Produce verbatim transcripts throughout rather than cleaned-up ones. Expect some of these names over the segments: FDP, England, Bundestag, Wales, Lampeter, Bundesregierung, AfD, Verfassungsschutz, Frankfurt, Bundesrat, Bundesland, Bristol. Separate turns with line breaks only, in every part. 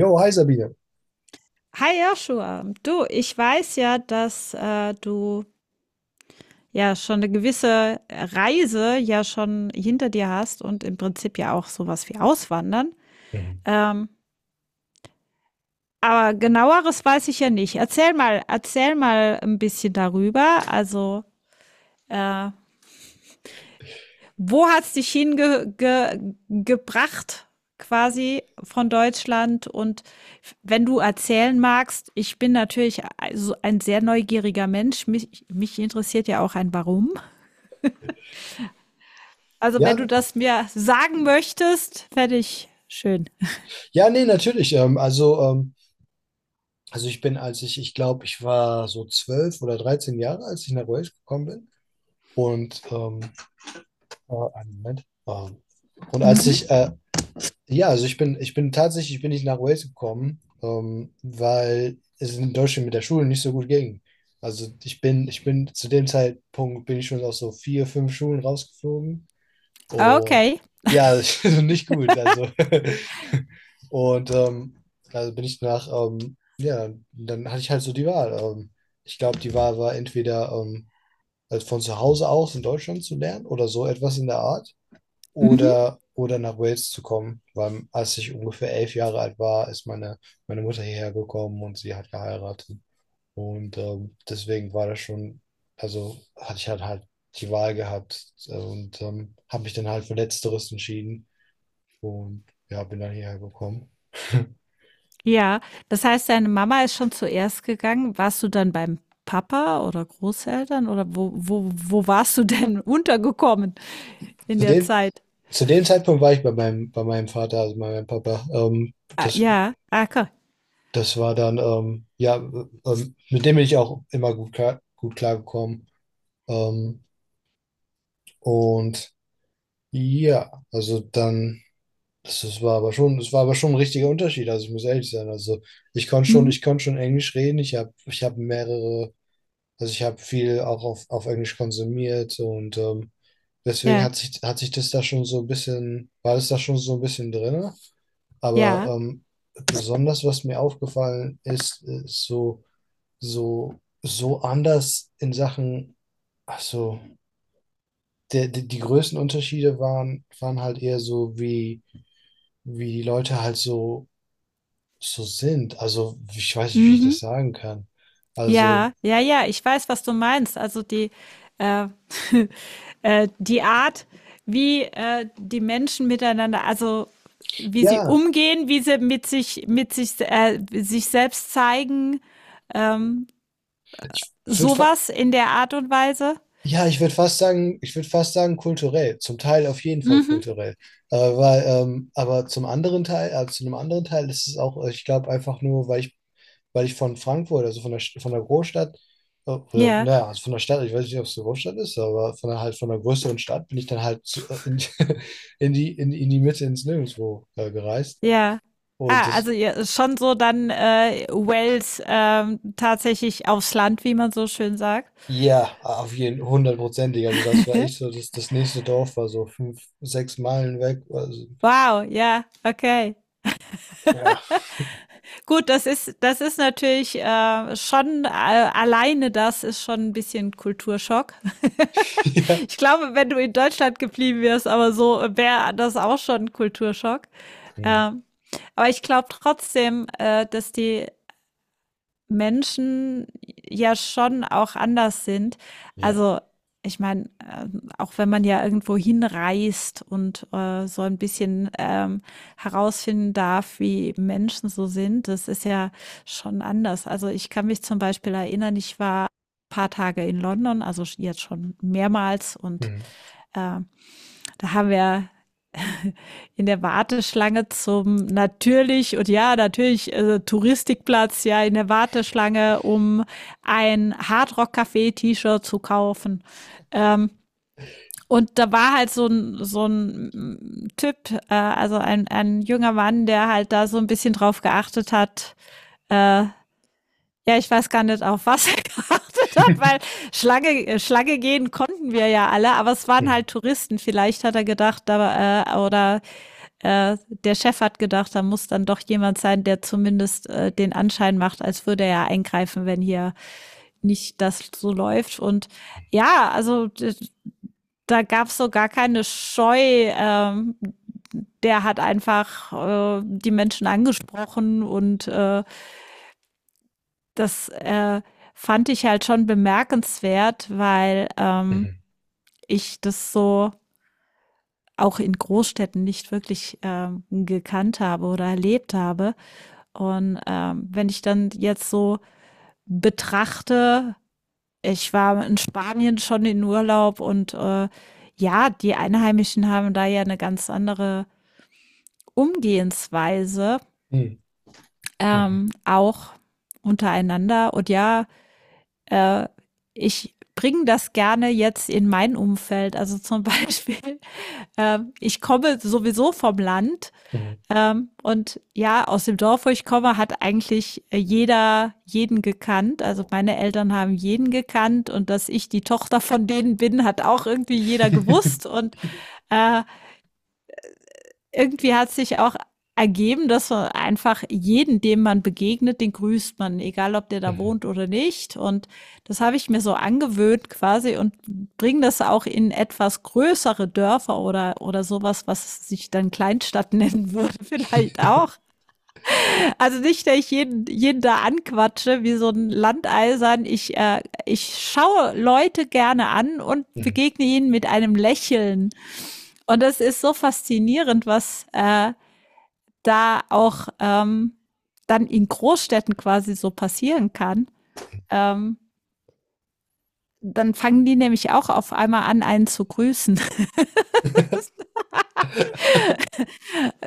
Jo, hi Sabine.
Hi Joshua, du, ich weiß ja, dass äh, du ja schon eine gewisse Reise ja schon hinter dir hast und im Prinzip ja auch sowas wie Auswandern.
Mhm.
Ähm, aber genaueres weiß ich ja nicht. Erzähl mal, erzähl mal ein bisschen darüber. Also, äh, wo hat's dich hinge ge gebracht quasi von Deutschland? Und wenn du erzählen magst, ich bin natürlich also ein sehr neugieriger Mensch. Mich mich interessiert ja auch ein Warum. Also,
Ja,
wenn du das mir sagen möchtest, fände ich schön.
ja, nee, natürlich. Ähm, also, ähm, also ich bin, als ich, ich glaube, ich war so zwölf oder dreizehn Jahre, als ich nach Wales gekommen bin. Und ähm, äh, Einen Moment. Ähm, und als
Mhm.
ich, äh, ja, also ich bin, ich bin tatsächlich, ich bin nicht nach Wales gekommen, ähm, weil es in Deutschland mit der Schule nicht so gut ging. Also ich bin, ich bin zu dem Zeitpunkt bin ich schon aus so vier, fünf Schulen rausgeflogen. Und
Okay.
ja, also nicht gut. Also, und ähm, also bin ich nach, ähm, ja, dann hatte ich halt so die Wahl. Ähm, ich glaube, die Wahl war entweder, ähm, also von zu Hause aus in Deutschland zu lernen oder so etwas in der Art
Mhm.
oder, oder nach Wales zu kommen, weil als ich ungefähr elf Jahre alt war, ist meine, meine Mutter hierher gekommen und sie hat geheiratet. Und ähm, deswegen war das schon, also hatte ich halt halt die Wahl gehabt, äh, und ähm, habe mich dann halt für Letzteres entschieden und ja, bin dann hierher gekommen.
Ja, das heißt, deine Mama ist schon zuerst gegangen. Warst du dann beim Papa oder Großeltern oder wo wo wo warst du denn untergekommen in
Zu
der
dem,
Zeit?
zu dem Zeitpunkt war ich bei meinem, bei meinem Vater, also bei meinem Papa. Ähm,
Ah,
das,
ja. Ah, ko
Das war dann, ähm, ja, ähm, mit dem bin ich auch immer gut klar, gut klargekommen. Ähm, und ja, also dann. Das, das war aber schon, das war aber schon ein richtiger Unterschied. Also ich muss ehrlich sein. Also ich konnte schon,
Mhm.
ich konnte schon Englisch reden. Ich habe, ich habe mehrere, also ich habe viel auch auf, auf Englisch konsumiert und ähm, deswegen
Ja,
hat sich, hat sich das da schon so ein bisschen, war das da schon so ein bisschen drin. Aber
ja.
ähm, besonders, was mir aufgefallen ist, ist so, so, so anders in Sachen, also der, die, die größten Unterschiede waren, waren halt eher so, wie, wie die Leute halt so so sind. Also, ich weiß nicht, wie ich
Mhm.
das sagen kann. Also,
Ja, ja, ja, ich weiß, was du meinst. Also die, äh, äh, die Art, wie äh, die Menschen miteinander, also wie sie
ja,
umgehen, wie sie mit sich, mit sich, äh, sich selbst zeigen, ähm,
ich würd fa
sowas in der Art und Weise.
ja, ich würde fast sagen, ich würde fast sagen kulturell. Zum Teil auf jeden Fall
Mhm.
kulturell. Aber, weil, ähm, aber zum anderen Teil, äh, zu einem anderen Teil ist es auch, äh, ich glaube, einfach nur, weil ich, weil ich von Frankfurt, also von der, St- von der Großstadt, äh, oder,
Ja,
naja, also von der Stadt, ich weiß nicht, ob es eine Großstadt ist, aber von der, halt von der größeren Stadt bin ich dann halt zu, äh, in, in die, in, in die Mitte ins Nirgendwo äh, gereist.
ja.
Und
Ah,
das,
also ja, schon so dann äh, Wales ähm, tatsächlich aufs Land, wie man so schön sagt.
Ja, auf jeden hundertprozentig. Also das war echt so, das, das nächste Dorf war so fünf, sechs Meilen weg. Also,
Wow, ja, okay.
ja,
Gut, das ist das ist natürlich, äh, schon äh, alleine das ist schon ein bisschen Kulturschock.
ja.
Ich glaube, wenn du in Deutschland geblieben wärst, aber so wäre das auch schon 'n Kulturschock.
Hm.
Ähm, aber ich glaube trotzdem, äh, dass die Menschen ja schon auch anders sind.
Ja.
Also, ich meine, ähm, auch wenn man ja irgendwo hinreist und, äh, so ein bisschen, ähm, herausfinden darf, wie Menschen so sind, das ist ja schon anders. Also, ich kann mich zum Beispiel erinnern, ich war ein paar Tage in London, also jetzt schon mehrmals und,
Mhm.
ähm, da haben wir in der Warteschlange zum natürlich und ja, natürlich äh, Touristikplatz, ja, in der Warteschlange, um ein Hardrock Café T-Shirt zu kaufen. Ähm, und da war halt so ein, so ein Typ, äh, also ein, ein junger Mann, der halt da so ein bisschen drauf geachtet hat. Äh, ja, ich weiß gar nicht, auf was er geachtet hat, weil Schlange, äh, Schlange gehen konnten wir ja alle, aber es waren
Mhm.
halt Touristen. Vielleicht hat er gedacht, da, äh, oder äh, der Chef hat gedacht, da muss dann doch jemand sein, der zumindest äh, den Anschein macht, als würde er ja eingreifen, wenn hier nicht das so läuft. Und ja, also da gab es so gar keine Scheu. Ähm, der hat einfach äh, die Menschen angesprochen und äh, das äh, fand ich halt schon bemerkenswert, weil ähm,
Mhm.
ich das so auch in Großstädten nicht wirklich ähm, gekannt habe oder erlebt habe. Und ähm, wenn ich dann jetzt so betrachte, ich war in Spanien schon in Urlaub und äh, ja, die Einheimischen haben da ja eine ganz andere Umgehensweise,
Mhm. Mhm.
ähm, auch untereinander. Und ja, äh, ich bringe das gerne jetzt in mein Umfeld. Also zum Beispiel, äh, ich komme sowieso vom Land.
Mhm.
Ähm, und ja, aus dem Dorf, wo ich komme, hat eigentlich äh, jeder jeden gekannt. Also meine Eltern haben jeden gekannt und dass ich die Tochter von denen bin, hat auch irgendwie jeder gewusst. Und äh, irgendwie hat sich auch ergeben, dass man einfach jeden, dem man begegnet, den grüßt man, egal ob der da
Mhm.
wohnt oder nicht. Und das habe ich mir so angewöhnt quasi und bringe das auch in etwas größere Dörfer oder, oder sowas, was sich dann Kleinstadt nennen würde, vielleicht auch. Also nicht, dass ich jeden, jeden da anquatsche wie so ein Landeisern. Ich, äh, ich schaue Leute gerne an und
Mhm.
begegne ihnen mit einem Lächeln. Und das ist so faszinierend, was äh, da auch ähm, dann in Großstädten quasi so passieren kann. Ähm, dann fangen die nämlich auch auf einmal an, einen zu grüßen.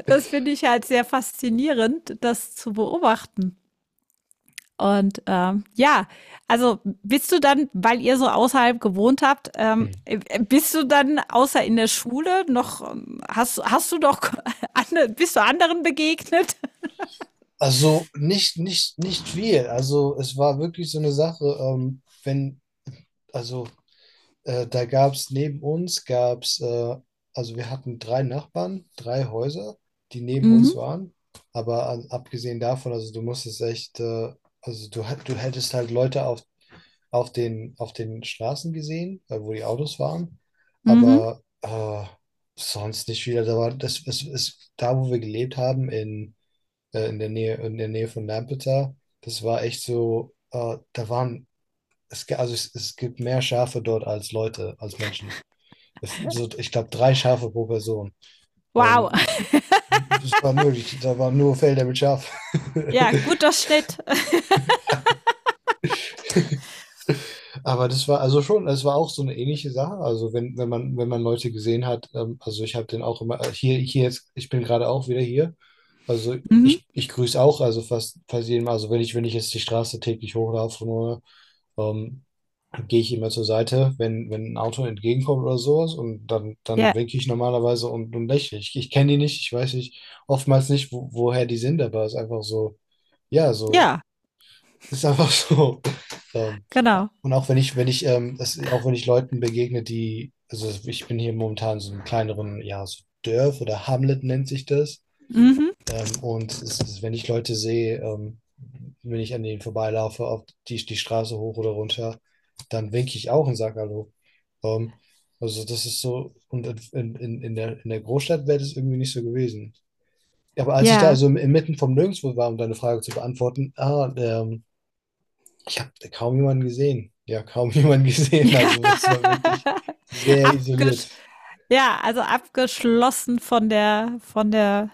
Das finde ich halt sehr faszinierend, das zu beobachten. Und ähm, ja, also bist du dann, weil ihr so außerhalb gewohnt habt, ähm,
Mhm.
äh, bist du dann außer in der Schule noch, ähm, hast, hast du doch, ande- bist du anderen begegnet?
Also nicht, nicht, nicht viel. Also es war wirklich so eine Sache, ähm, wenn, also Äh, da gab es neben uns, gab es, äh, also wir hatten drei Nachbarn, drei Häuser, die neben uns
Mhm.
waren. Aber an, abgesehen davon, also du musstest echt, äh, also du, hat- du hättest halt Leute auf, auf den, auf den Straßen gesehen, äh, wo die Autos waren.
Mhm.
Aber äh, sonst nicht viel. Da war, das ist, Ist da, wo wir gelebt haben, in, äh, in der Nähe, in der Nähe von Lampeter, das war echt so, äh, da waren, es, ge- also es, es gibt mehr Schafe dort als Leute, als Menschen es- so, ich glaube, drei Schafe pro Person.
Wow.
Ähm, es waren wirklich, Da waren nur Felder mit Schafen.
Ja, guter Schnitt.
Aber das war also schon, das war auch so eine ähnliche Sache. Also wenn, wenn man, wenn man Leute gesehen hat, ähm, also ich habe den auch immer, äh, hier, hier jetzt, ich bin gerade auch wieder hier. Also
Mhm.
ich, ich grüße auch, also fast, fast jedem, also wenn ich, wenn ich jetzt die Straße täglich hochlaufe, nur, ähm, gehe ich immer zur Seite, wenn, wenn ein Auto entgegenkommt oder sowas und dann, dann
Ja,
winke ich normalerweise und, und lächle. Ich, ich kenne die nicht, ich weiß nicht, oftmals nicht, wo, woher die sind, aber es ist einfach so, ja, so,
ja,
ist einfach so. Ähm,
genau.
und auch wenn ich, wenn ich, ähm, das, auch wenn ich Leuten begegne, die, also ich bin hier momentan in so einem kleineren, ja, so Dörf oder Hamlet nennt sich das.
Mhm.
Ähm, und es ist, wenn ich Leute sehe, ähm, wenn ich an denen vorbeilaufe, auf die, die Straße hoch oder runter, dann winke ich auch und sage Hallo. Ähm, also das ist so, und in, in, in der, in der Großstadt wäre das irgendwie nicht so gewesen. Ja, aber als ich da
Ja.
also im- inmitten vom Nirgendwo war, um deine Frage zu beantworten, ah, ähm, ich habe kaum jemanden gesehen. Ja, kaum jemanden gesehen.
Ja.
Also es war wirklich sehr
Abgesch
isoliert.
ja, also abgeschlossen von der, von der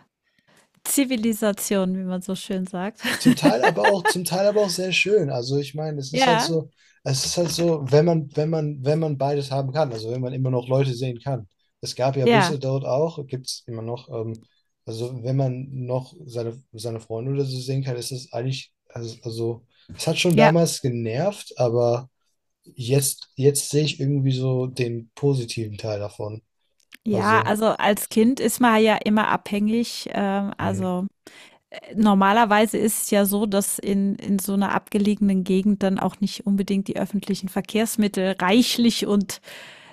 Zivilisation, wie man so schön sagt.
Zum Teil aber auch, zum Teil aber auch sehr schön. Also ich meine, es ist halt
Ja,
so, es ist halt so, wenn man, wenn man, wenn man beides haben kann, also wenn man immer noch Leute sehen kann. Es gab ja
ja,
Büsse dort auch, gibt es immer noch, ähm, also wenn man noch seine, seine Freunde oder so sehen kann, ist es eigentlich, also, also es hat schon
ja.
damals genervt, aber jetzt, jetzt sehe ich irgendwie so den positiven Teil davon.
Ja,
Also.
also als Kind ist man ja immer abhängig. Ähm,
Mhm.
also, äh, normalerweise ist es ja so, dass in in so einer abgelegenen Gegend dann auch nicht unbedingt die öffentlichen Verkehrsmittel reichlich und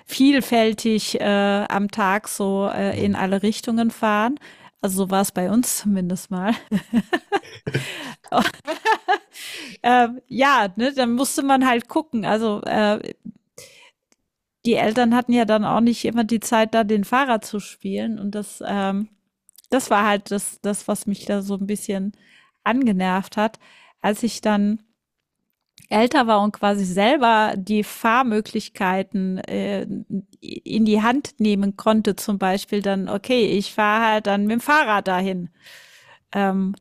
vielfältig, äh, am Tag so, äh, in
Mhm.
alle Richtungen fahren. Also, so war es bei uns zumindest mal. Ähm, ja, ne, dann musste man halt gucken. Also, äh, die Eltern hatten ja dann auch nicht immer die Zeit, da den Fahrer zu spielen und das, ähm das war halt das, das, was mich da so ein bisschen angenervt hat. Als ich dann älter war und quasi selber die Fahrmöglichkeiten äh, in die Hand nehmen konnte, zum Beispiel dann, okay, ich fahre halt dann mit dem Fahrrad dahin. Ähm,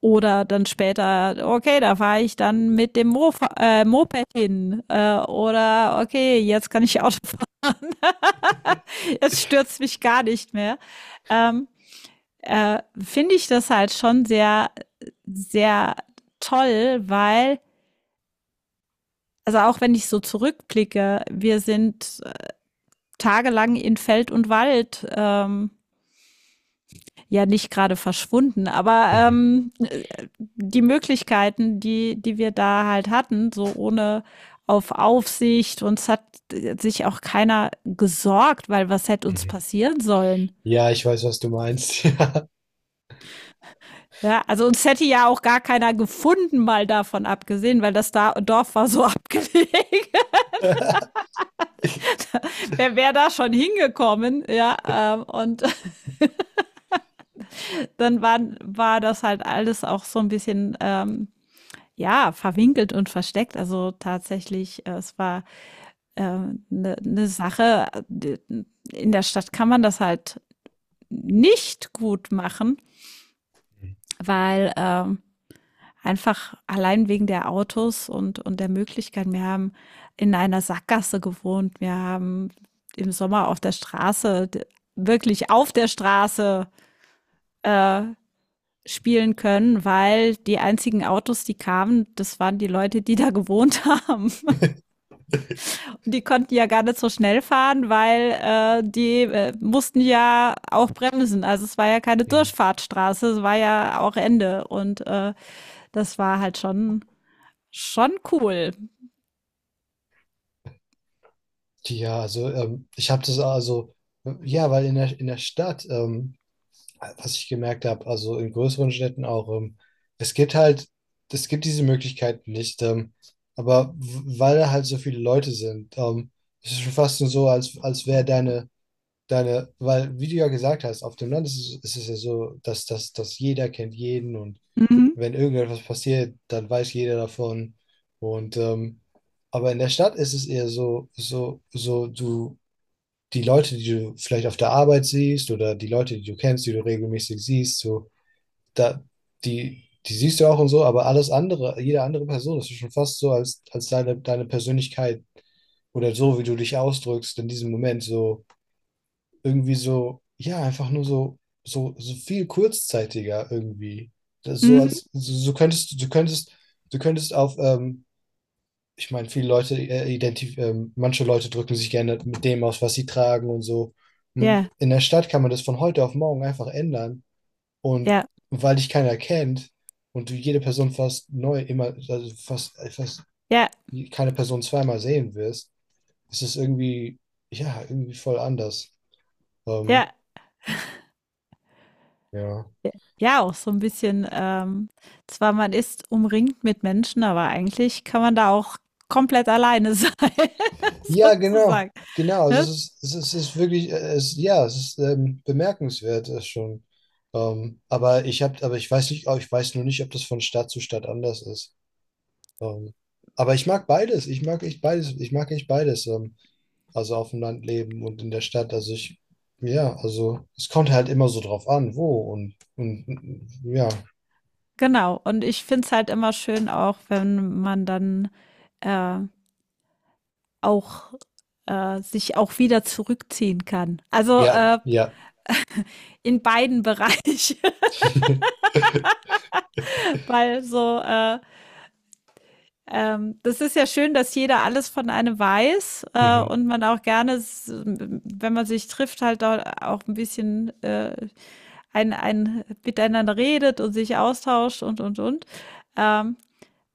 oder dann später, okay, da fahre ich dann mit dem Mo äh, Moped hin. Äh, oder okay, jetzt kann ich Auto fahren. jetzt stürzt mich gar nicht mehr. Ähm, äh, finde ich das halt schon sehr, sehr toll, weil, also auch wenn ich so zurückblicke, wir sind äh, tagelang in Feld und Wald. Ähm, ja nicht gerade verschwunden, aber
Mhm.
ähm, äh, die Möglichkeiten, die, die wir da halt hatten, so ohne auf Aufsicht, uns hat äh, sich auch keiner gesorgt, weil was hätte uns
Mhm.
passieren sollen?
Ja, ich weiß, was du meinst.
Ja, also uns hätte ja auch gar keiner gefunden, mal davon abgesehen, weil das da Dorf war so abgelegen. Wer wäre da schon hingekommen? Ja, ähm, und dann waren, war das halt alles auch so ein bisschen, ähm, ja, verwinkelt und versteckt. Also tatsächlich, äh, es war eine äh, ne Sache. äh, In der Stadt kann man das halt nicht gut machen, weil ähm, einfach allein wegen der Autos und und der Möglichkeiten. Wir haben in einer Sackgasse gewohnt. Wir haben im Sommer auf der Straße d wirklich auf der Straße, äh, spielen können, weil die einzigen Autos, die kamen, das waren die Leute, die da gewohnt haben.
Ja.
Und die konnten ja gar nicht so schnell fahren, weil, äh, die, äh, mussten ja auch bremsen. Also, es war ja keine
Mhm.
Durchfahrtsstraße, es war ja auch Ende und, äh, das war halt schon schon cool.
Ja, also ähm, ich habe das also, äh, ja, weil in der, in der Stadt, ähm, was ich gemerkt habe, also in größeren Städten auch, ähm, es gibt halt, es gibt diese Möglichkeit nicht, ähm, aber w- weil da halt so viele Leute sind, ähm, es ist schon fast nur so, als, als wäre deine, deine, weil, wie du ja gesagt hast, auf dem Land ist es, ist es ja so, dass, dass, dass jeder kennt jeden und
Mhm,
wenn irgendetwas passiert, dann weiß jeder davon. Und ähm, aber in der Stadt ist es eher so, so, so, du, die Leute, die du vielleicht auf der Arbeit siehst oder die Leute, die du kennst, die du regelmäßig siehst, so, da, die, die siehst du auch und so, aber alles andere, jede andere Person, das ist schon fast so, als, als deine, deine Persönlichkeit oder so, wie du dich ausdrückst in diesem Moment, so irgendwie so, ja, einfach nur so, so, so viel kurzzeitiger irgendwie. Das, so
mhm.
als, so, so könntest du, könntest, du könntest auf, ähm, ich meine, viele Leute, äh, identif ähm, manche Leute drücken sich gerne mit dem aus, was sie tragen und so. Und
Ja,
in der Stadt kann man das von heute auf morgen einfach ändern. Und
ja,
weil dich keiner kennt und du jede Person fast neu, immer, also fast, fast
ja,
keine Person zweimal sehen wirst, ist es irgendwie, ja, irgendwie voll anders. Ähm,
ja,
ja.
j ja, auch so ein bisschen, ähm zwar man ist umringt mit Menschen, aber eigentlich kann man da auch komplett alleine sein,
Ja, genau,
sozusagen,
genau. Also es
ne?
ist, es ist, es ist wirklich, äh, es, ja, es ist ähm, bemerkenswert äh, schon. Ähm, aber ich habe, aber ich weiß nicht, oh, ich weiß nur nicht, ob das von Stadt zu Stadt anders ist. Ähm, aber ich mag beides. Ich mag echt beides. Ich mag echt beides. Ähm, also auf dem Land leben und in der Stadt. Also ich, ja, also es kommt halt immer so drauf an, wo und, und und- ja,
Genau. Und ich finde es halt immer schön auch, wenn man dann, äh, auch äh, sich auch wieder zurückziehen kann. Also,
ja,
äh,
ja.
in beiden Bereichen, weil so, äh Ähm, das ist ja schön, dass jeder alles von einem weiß, äh,
Mhm,
und man auch gerne, s wenn man sich trifft, halt da auch ein bisschen, äh, ein ein miteinander redet und sich austauscht und, und, und. Ähm,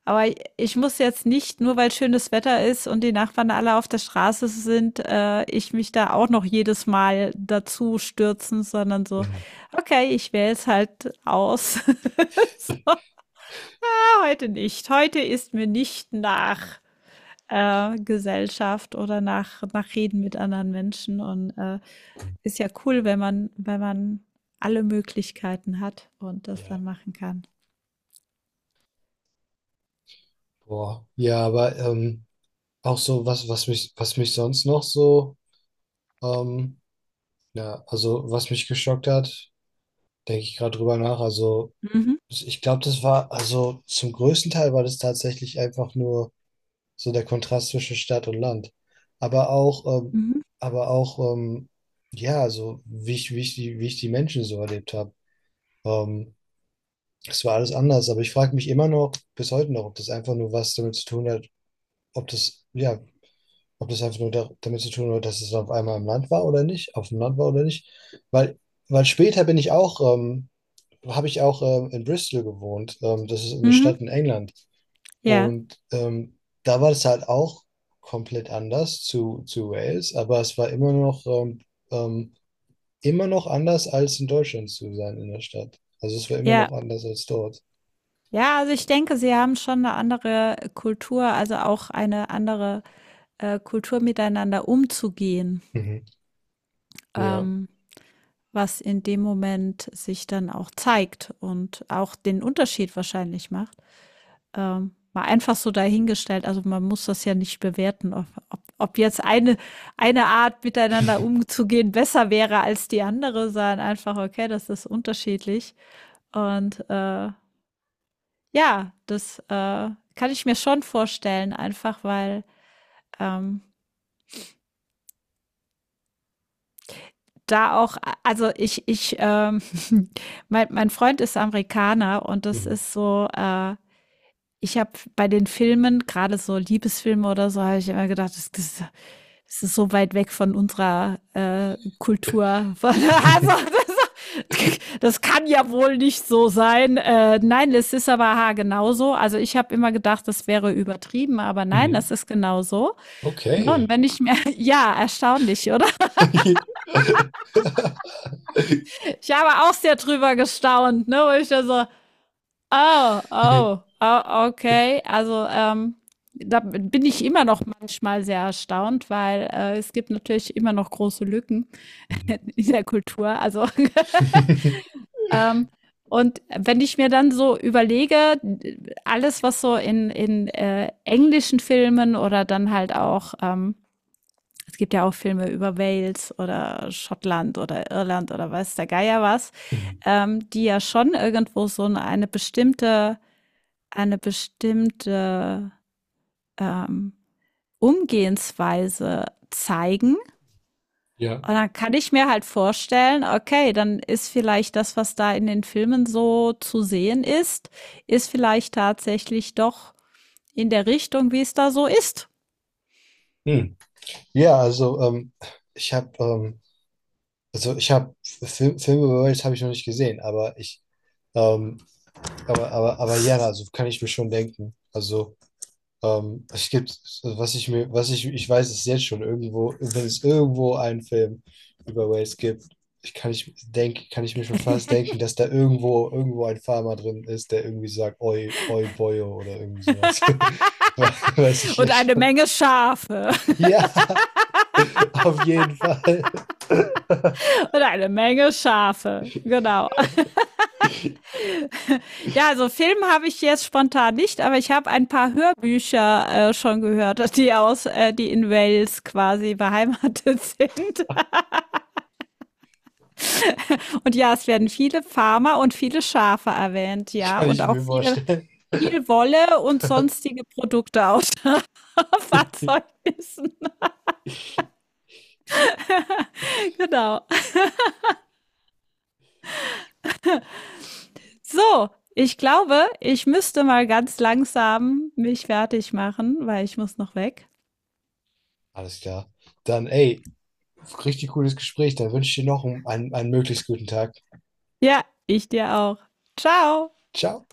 aber ich muss jetzt nicht, nur weil schönes Wetter ist und die Nachbarn alle auf der Straße sind, äh, ich mich da auch noch jedes Mal dazu stürzen, sondern so:
mhm.
„Okay, ich wähle es halt aus. So, ja, heute nicht. Heute ist mir nicht nach.“ äh, Gesellschaft oder nach nach Reden mit anderen Menschen und, äh, ist ja cool, wenn man wenn man alle Möglichkeiten hat und das
Ja,
dann machen kann.
boah. Ja, aber ähm, auch so, was, was mich, was mich sonst noch so, ähm, ja, also was mich geschockt hat, denke ich gerade drüber nach. Also
Mhm,
ich glaube, das war, also zum größten Teil war das tatsächlich einfach nur so der Kontrast zwischen Stadt und Land. Aber auch, ähm,
mhm,
aber auch, ähm, ja, also wie ich, wie ich die, wie ich die Menschen so erlebt habe. Ähm, Es war alles anders. Aber ich frage mich immer noch, bis heute noch, ob das einfach nur was damit zu tun hat, ob das, ja, ob das einfach nur da, damit zu tun hat, dass es auf einmal im Land war oder nicht, auf dem Land war oder nicht. Weil, Weil später bin ich auch, ähm, habe ich auch ähm, in Bristol gewohnt. Ähm, das ist eine
mhm.
Stadt in England.
Ja,
Und ähm, da war es halt auch komplett anders zu, zu Wales, aber es war immer noch, ähm, ähm, immer noch anders als in Deutschland zu sein in der Stadt. Also es war immer
ja.
noch anders als dort.
Ja, also ich denke, sie haben schon eine andere Kultur, also auch eine andere, äh, Kultur miteinander umzugehen,
Mhm. Ja.
ähm, was in dem Moment sich dann auch zeigt und auch den Unterschied wahrscheinlich macht. Ähm, mal einfach so dahingestellt. Also man muss das ja nicht bewerten, ob, ob, ob jetzt eine, eine Art miteinander umzugehen besser wäre als die andere, sondern einfach, okay, das ist unterschiedlich. Und äh, ja, das äh, kann ich mir schon vorstellen, einfach weil ähm, da auch, also ich, ich, ähm, mein, mein Freund ist Amerikaner und das
Mhm.
ist so, äh, ich habe bei den Filmen, gerade so Liebesfilme oder so, habe ich immer gedacht, das das das ist so weit weg von unserer, äh, Kultur. Von also, das das kann ja wohl nicht so sein. Äh, nein, es ist aber ha genauso. Also, ich habe immer gedacht, das wäre übertrieben, aber nein, das
Mhm.
ist genauso. Ne, und
Okay.
wenn ich mir ja, erstaunlich, oder? Ich habe auch sehr drüber gestaunt, ne, wo ich da so oh, oh, oh, okay. Also, ähm, da bin ich immer noch manchmal sehr erstaunt, weil, äh, es gibt natürlich immer noch große Lücken
Mhm.
in der Kultur. Also, ähm, und wenn ich mir dann so überlege, alles, was so in in, äh, englischen Filmen oder dann halt auch ähm, es gibt ja auch Filme über Wales oder Schottland oder Irland oder weiß der Geier was,
Mhm.
ähm, die ja schon irgendwo so 'ne eine bestimmte eine bestimmte ähm, Umgehensweise zeigen.
Ja.
Und dann kann ich mir halt vorstellen, okay, dann ist vielleicht das, was da in den Filmen so zu sehen ist, ist vielleicht tatsächlich doch in der Richtung, wie es da so ist.
Hm. Ja, also ähm, ich habe ähm, also ich habe Film, Filme über Wales habe ich noch nicht gesehen, aber ich ähm, aber aber aber ja, also kann ich mir schon denken. Also ähm, es gibt was ich mir was ich ich weiß es jetzt schon irgendwo, wenn es irgendwo einen Film über Wales gibt, ich kann ich denke kann ich mir schon fast denken, dass da irgendwo irgendwo ein Farmer drin ist, der irgendwie sagt Oi Oi Boyo oder irgendwie sowas. We- Weiß ich
Und
jetzt
eine
schon.
Menge Schafe.
Ja, auf jeden Fall.
Und eine Menge Schafe. Genau. Ja, also Film habe ich jetzt spontan nicht, aber ich habe ein paar Hörbücher äh, schon gehört, die aus, äh, die in Wales quasi beheimatet sind. Und ja, es werden viele Farmer und viele Schafe erwähnt, ja,
Kann
und
ich
auch
mir
viele,
vorstellen.
viel Wolle und sonstige Produkte aus Fahrzeugnissen. Genau. So, ich glaube, ich müsste mal ganz langsam mich fertig machen, weil ich muss noch weg.
Alles klar. Dann, ey, richtig cooles Gespräch. Dann wünsche ich dir noch einen, einen möglichst guten Tag.
Ja, ich dir auch. Ciao.
Ciao.